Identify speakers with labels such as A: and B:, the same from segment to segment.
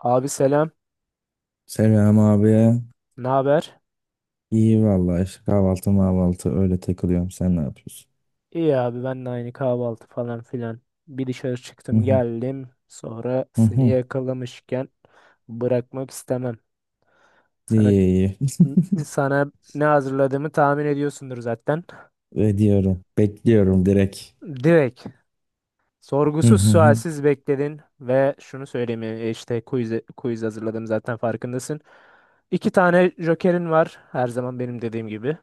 A: Abi selam.
B: Selam abi.
A: Ne haber?
B: İyi vallahi işte kahvaltı mahvaltı öyle takılıyorum. Sen ne yapıyorsun?
A: İyi abi ben de aynı kahvaltı falan filan. Bir dışarı
B: Hı
A: çıktım
B: hı.
A: geldim. Sonra
B: Hı
A: seni
B: hı.
A: yakalamışken bırakmak istemem. Sana
B: İyi iyi.
A: sana ne hazırladığımı tahmin ediyorsundur zaten.
B: Ediyorum. Bekliyorum direkt.
A: Direkt
B: Hı
A: sorgusuz
B: hı hı.
A: sualsiz bekledin ve şunu söyleyeyim işte quiz hazırladım zaten farkındasın. İki tane jokerin var her zaman benim dediğim gibi.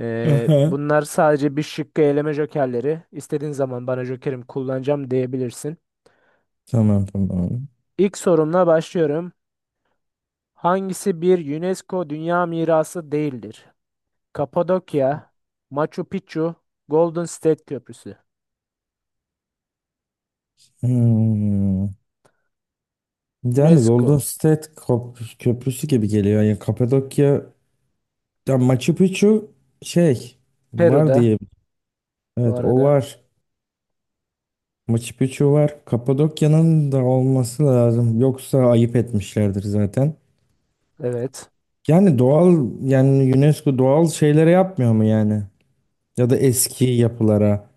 B: Aha.
A: Bunlar sadece bir şıkkı eleme jokerleri. İstediğin zaman bana jokerim kullanacağım diyebilirsin.
B: Tamam tamam.
A: İlk sorumla başlıyorum. Hangisi bir UNESCO Dünya Mirası değildir? Kapadokya, Machu Picchu, Golden State Köprüsü.
B: Hmm. Yani Golden
A: UNESCO.
B: State köprüsü gibi geliyor. Yani Kapadokya ya Machu Picchu şey var
A: Peru'da
B: diye.
A: bu
B: Evet o
A: arada.
B: var. Machu Picchu var. Kapadokya'nın da olması lazım. Yoksa ayıp etmişlerdir zaten.
A: Evet.
B: Yani doğal yani UNESCO doğal şeylere yapmıyor mu yani? Ya da eski yapılara.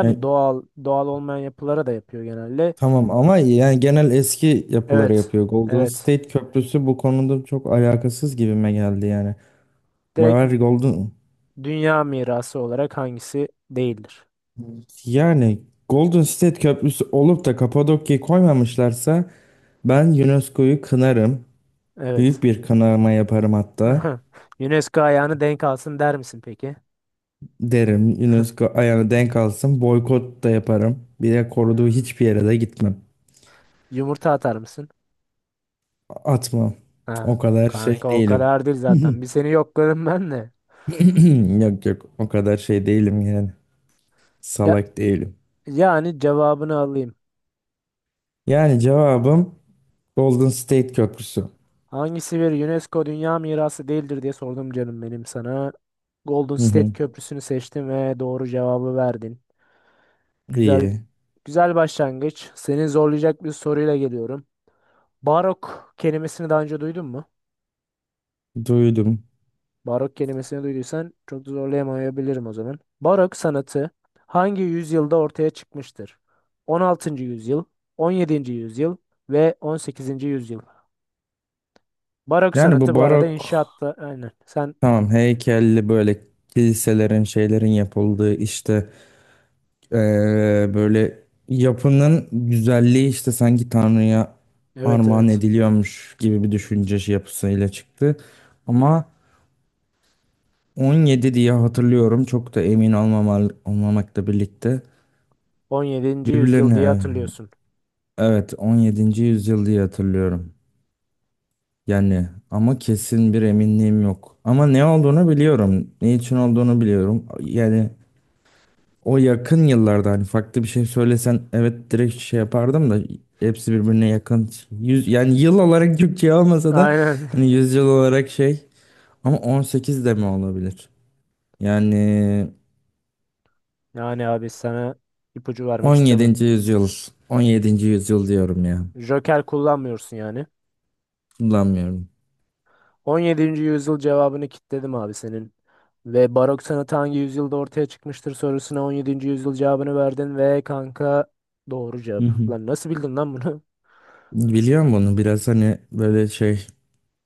B: Yani
A: doğal, doğal olmayan yapılara da yapıyor genelde.
B: tamam ama yani genel eski yapılara
A: Evet.
B: yapıyor. Golden
A: Evet.
B: State Köprüsü bu konuda çok alakasız gibime geldi yani.
A: Direkt
B: Var Golden
A: Dünya Mirası olarak hangisi değildir?
B: Yani Golden State Köprüsü olup da Kapadokya'yı koymamışlarsa ben UNESCO'yu kınarım.
A: Evet.
B: Büyük bir kınama yaparım hatta.
A: UNESCO ayağını denk alsın der misin peki?
B: Derim UNESCO ayağını denk alsın. Boykot da yaparım. Bir de koruduğu hiçbir yere de gitmem.
A: Yumurta atar mısın?
B: Atmam. O
A: Ha,
B: kadar şey
A: kanka o
B: değilim.
A: kadar değil zaten. Bir seni yokladım ben de.
B: Yok yok o kadar şey değilim yani.
A: Ya,
B: Salak değilim.
A: yani cevabını alayım.
B: Yani cevabım Golden State Köprüsü.
A: Hangisi bir UNESCO Dünya Mirası değildir diye sordum canım benim sana. Golden
B: Hı
A: State
B: hı.
A: Köprüsü'nü seçtim ve doğru cevabı verdin. Güzel,
B: İyi.
A: güzel başlangıç. Seni zorlayacak bir soruyla geliyorum. Barok kelimesini daha önce duydun mu?
B: Duydum.
A: Barok kelimesini duyduysan çok da zorlayamayabilirim o zaman. Barok sanatı hangi yüzyılda ortaya çıkmıştır? 16. yüzyıl, 17. yüzyıl ve 18. yüzyıl. Barok
B: Yani
A: sanatı
B: bu
A: bu arada
B: barok
A: inşaatta aynen. Sen
B: tamam heykelli böyle kiliselerin şeylerin yapıldığı işte eee, böyle yapının güzelliği işte sanki Tanrı'ya
A: evet,
B: armağan
A: evet,
B: ediliyormuş gibi bir düşünce şey yapısıyla çıktı. Ama 17 diye hatırlıyorum. Çok da emin olmamakla birlikte.
A: 17. yüzyıl diye
B: Birbirlerine
A: hatırlıyorsun.
B: evet 17. yüzyıl diye hatırlıyorum. Yani ama kesin bir eminliğim yok. Ama ne olduğunu biliyorum. Ne için olduğunu biliyorum. Yani o yakın yıllarda hani farklı bir şey söylesen evet direkt şey yapardım da hepsi birbirine yakın. Yani yıl olarak Türkçe olmasa da
A: Aynen.
B: hani yüzyıl olarak şey ama 18 de mi olabilir? Yani
A: Yani abi sana ipucu vermek istemem.
B: 17. yüzyıl. 17. yüzyıl diyorum ya.
A: Joker kullanmıyorsun yani.
B: Kullanmıyorum.
A: 17. yüzyıl cevabını kitledim abi senin. Ve barok sanatı hangi yüzyılda ortaya çıkmıştır sorusuna 17. yüzyıl cevabını verdin ve kanka doğru
B: Hı
A: cevap.
B: hı.
A: Lan nasıl bildin lan bunu?
B: Biliyorum bunu. Biraz hani böyle şey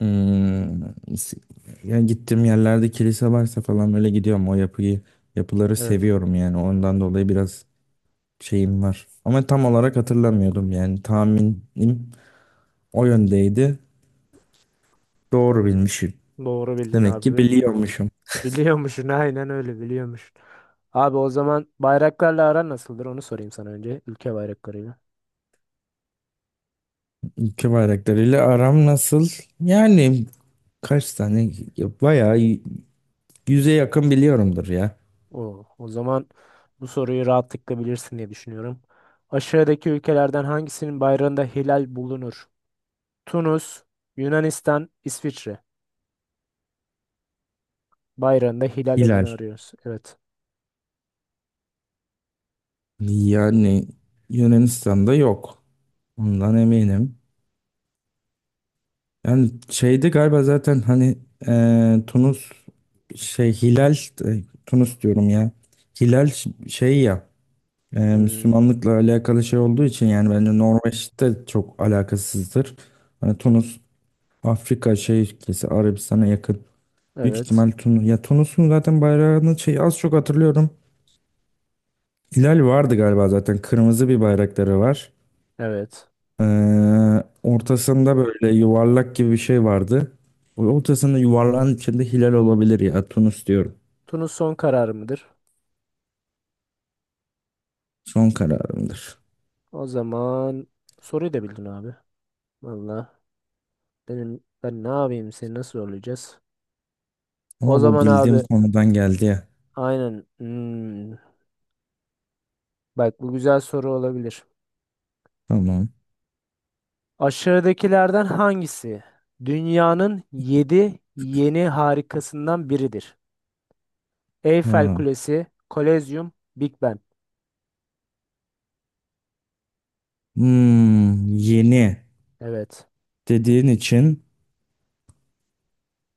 B: hmm, s- yani gittiğim yerlerde kilise varsa falan böyle gidiyorum. Yapıları
A: Evet,
B: seviyorum yani. Ondan dolayı biraz şeyim var. Ama tam olarak hatırlamıyordum yani. Tahminim o yöndeydi. Doğru bilmişim.
A: doğru bildin
B: Demek ki
A: abi.
B: biliyormuşum.
A: Biliyormuşsun, aynen öyle, biliyormuşsun. Abi o zaman bayraklarla aran nasıldır onu sorayım sana önce. Ülke bayraklarıyla.
B: Ülke bayraklarıyla aram nasıl? Yani kaç tane? Bayağı iyi. Yüze yakın biliyorumdur ya.
A: O zaman bu soruyu rahatlıkla bilirsin diye düşünüyorum. Aşağıdaki ülkelerden hangisinin bayrağında hilal bulunur? Tunus, Yunanistan, İsviçre. Bayrağında hilal
B: Hilal.
A: olanı arıyoruz. Evet.
B: Yani Yunanistan'da yok. Ondan eminim. Yani şeydi galiba zaten hani Tunus şey Hilal Tunus diyorum ya. Hilal şey ya
A: Hmm,
B: Müslümanlıkla alakalı şey olduğu için yani bence Norveç'te çok alakasızdır. Hani Tunus Afrika şey ülkesi Arabistan'a yakın. Büyük
A: evet.
B: ihtimal Tunus. Ya Tunus'un zaten bayrağını şey az çok hatırlıyorum. Hilal vardı galiba zaten. Kırmızı bir bayrakları var.
A: Evet.
B: Ortasında böyle yuvarlak gibi bir şey vardı. O ortasında yuvarlağın içinde hilal olabilir ya. Tunus diyorum.
A: Tunus son kararı mıdır?
B: Son kararımdır.
A: O zaman soruyu da bildin abi. Valla ben ne yapayım, seni nasıl zorlayacağız? O
B: Ama bu
A: zaman
B: bildiğim
A: abi
B: konudan geldi ya.
A: aynen. Bak, bu güzel soru olabilir.
B: Tamam.
A: Aşağıdakilerden hangisi dünyanın 7 yeni harikasından biridir? Eyfel
B: Ha.
A: Kulesi, Kolezyum, Big Ben.
B: Yeni
A: Evet.
B: dediğin için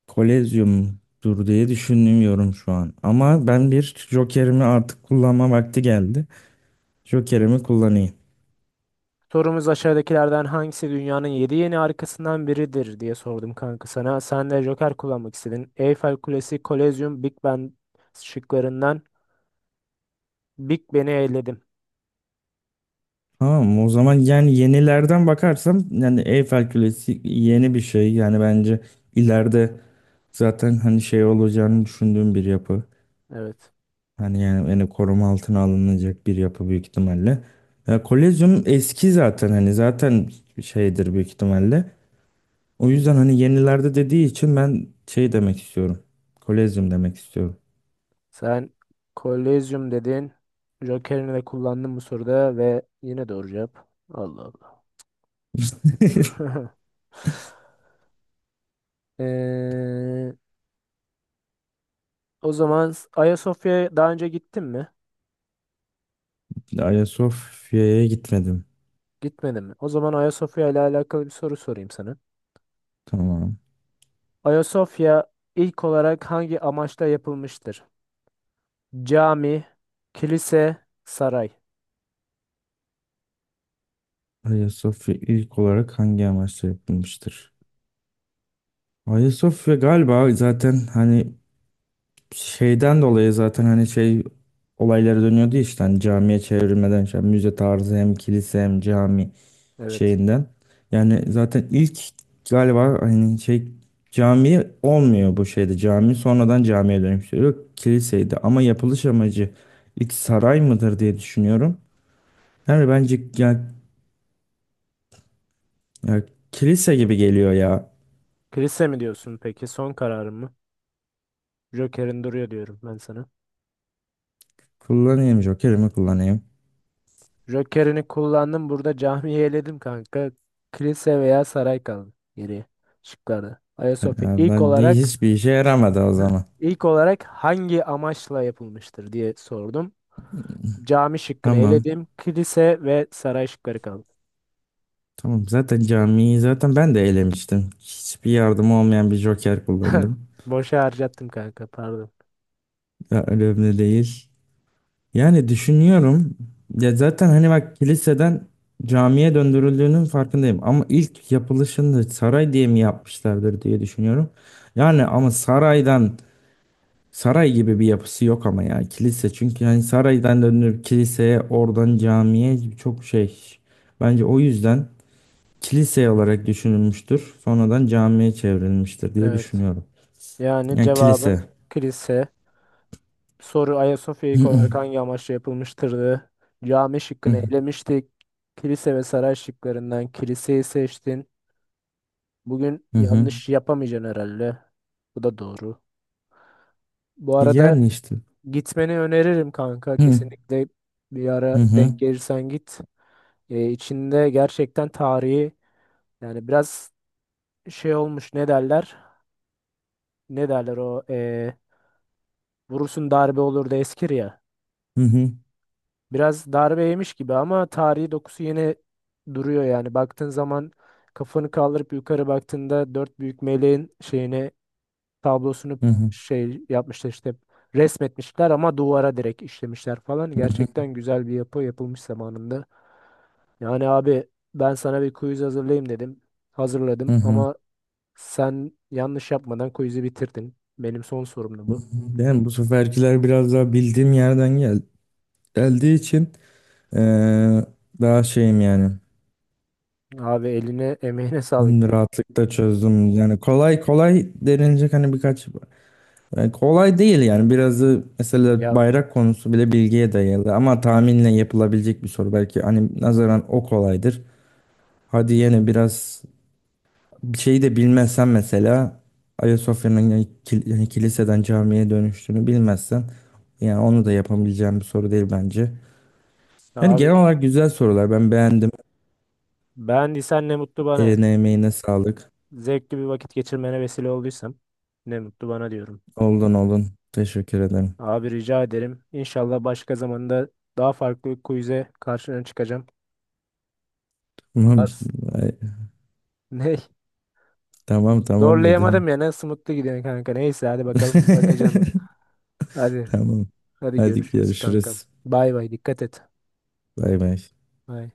B: kolezyumdur diye düşünmüyorum şu an. Ama ben bir jokerimi artık kullanma vakti geldi. Jokerimi kullanayım.
A: Sorumuz aşağıdakilerden hangisi dünyanın yedi yeni harikasından biridir diye sordum kanka sana. Sen de Joker kullanmak istedin. Eyfel Kulesi, Kolezyum, Big Ben şıklarından Big Ben'i eledim.
B: Tamam o zaman yani yenilerden bakarsam yani Eyfel Kulesi yeni bir şey. Yani bence ileride zaten hani şey olacağını düşündüğüm bir yapı.
A: Evet.
B: Hani yani koruma altına alınacak bir yapı büyük ihtimalle. Ya, Kolezyum eski zaten hani zaten şeydir büyük ihtimalle. O yüzden hani yenilerde dediği için ben şey demek istiyorum. Kolezyum demek istiyorum.
A: Sen Kolezyum dedin. Joker'ini de kullandın bu soruda ve yine doğru cevap. Allah Allah. Ee, O zaman Ayasofya'ya daha önce gittin mi?
B: Ayasofya'ya gitmedim.
A: Gitmedin mi? O zaman Ayasofya ile alakalı bir soru sorayım sana.
B: Tamam.
A: Ayasofya ilk olarak hangi amaçla yapılmıştır? Cami, kilise, saray.
B: Ayasofya ilk olarak hangi amaçla yapılmıştır? Ayasofya galiba zaten hani şeyden dolayı zaten hani şey olayları dönüyordu ya işte hani camiye çevrilmeden işte hani müze tarzı hem kilise hem cami
A: Evet.
B: şeyinden. Yani zaten ilk galiba hani şey cami olmuyor bu şeyde cami sonradan camiye dönüştürüyor kiliseydi ama yapılış amacı ilk saray mıdır diye düşünüyorum. Yani bence ya kilise gibi geliyor ya.
A: Kilise mi diyorsun peki? Son kararın mı? Joker'in duruyor diyorum ben sana.
B: Jokerimi kullanayım.
A: Joker'ini kullandım. Burada camiyi eledim kanka. Kilise veya saray kaldı geriye şıklarda. Ayasofya
B: Ya
A: ilk
B: ben de
A: olarak
B: hiçbir işe yaramadı o zaman.
A: ilk olarak hangi amaçla yapılmıştır diye sordum. Cami şıkkını
B: Tamam.
A: eledim. Kilise ve saray şıkları kaldı.
B: Tamam. Zaten camiyi zaten ben de elemiştim. Hiçbir yardım olmayan bir joker kullandım.
A: Boşa harcattım kanka, pardon.
B: Ya, önemli değil. Yani düşünüyorum. Ya zaten hani bak kiliseden camiye döndürüldüğünün farkındayım. Ama ilk yapılışını saray diye mi yapmışlardır diye düşünüyorum. Yani ama saray gibi bir yapısı yok ama ya kilise. Çünkü hani saraydan döndürüp kiliseye oradan camiye çok şey. Bence o yüzden kilise olarak düşünülmüştür. Sonradan camiye çevrilmiştir diye
A: Evet.
B: düşünüyorum.
A: Yani
B: Yani
A: cevabın
B: kilise.
A: kilise. Soru Ayasofya
B: Hı
A: ilk
B: hı.
A: olarak hangi amaçla yapılmıştırdı? Cami şıkkını elemiştik. Kilise ve saray şıklarından kiliseyi seçtin. Bugün
B: Hı hı.
A: yanlış yapamayacaksın herhalde. Bu da doğru. Bu arada
B: Yani işte.
A: gitmeni öneririm kanka.
B: Hı hı.
A: Kesinlikle bir
B: Hı
A: ara denk
B: hı.
A: gelirsen git. İçinde gerçekten tarihi, yani biraz şey olmuş, ne derler? Ne derler o, vurursun darbe olur da eskir ya.
B: Hı hı.
A: Biraz darbe yemiş gibi ama tarihi dokusu yine duruyor yani. Baktığın zaman, kafanı kaldırıp yukarı baktığında, dört büyük meleğin şeyini, tablosunu
B: Hı
A: şey yapmışlar işte, resmetmişler ama duvara direkt işlemişler falan.
B: hı.
A: Gerçekten güzel bir yapı yapılmış zamanında. Yani abi ben sana bir quiz hazırlayayım dedim. Hazırladım
B: Hı.
A: ama sen yanlış yapmadan quiz'i bitirdin. Benim son sorumdu bu.
B: Ben bu seferkiler biraz daha bildiğim yerden geldiği için eee, daha şeyim yani
A: Abi eline emeğine sağlık diyor.
B: rahatlıkla çözdüm. Yani kolay kolay denilecek hani birkaç. Yani kolay değil yani biraz da mesela
A: Ya
B: bayrak konusu bile bilgiye dayalı ama tahminle yapılabilecek bir soru belki hani nazaran o kolaydır. Hadi yine biraz bir şeyi de bilmezsen mesela Ayasofya'nın yani yani kiliseden camiye dönüştüğünü bilmezsen yani onu da yapabileceğim bir soru değil bence. Yani genel
A: abi,
B: olarak güzel sorular ben beğendim.
A: beğendiysen ne mutlu bana, yani.
B: Eline emeğine sağlık.
A: Zevkli bir vakit geçirmene vesile olduysam ne mutlu bana diyorum.
B: Oldun olun. Teşekkür ederim.
A: Abi rica ederim. İnşallah başka zamanda daha farklı bir quiz'e karşına çıkacağım.
B: Tamam.
A: Vars.
B: Ay,
A: Ne?
B: tamam tamam dedim.
A: Zorlayamadım ya. Nasıl mutlu gidiyorsun kanka? Neyse hadi bakalım, bakacağım ben. Hadi.
B: Tamam.
A: Hadi
B: Hadi
A: görüşürüz kankam.
B: görüşürüz.
A: Bay bay, dikkat et.
B: Bay bay.
A: Bay.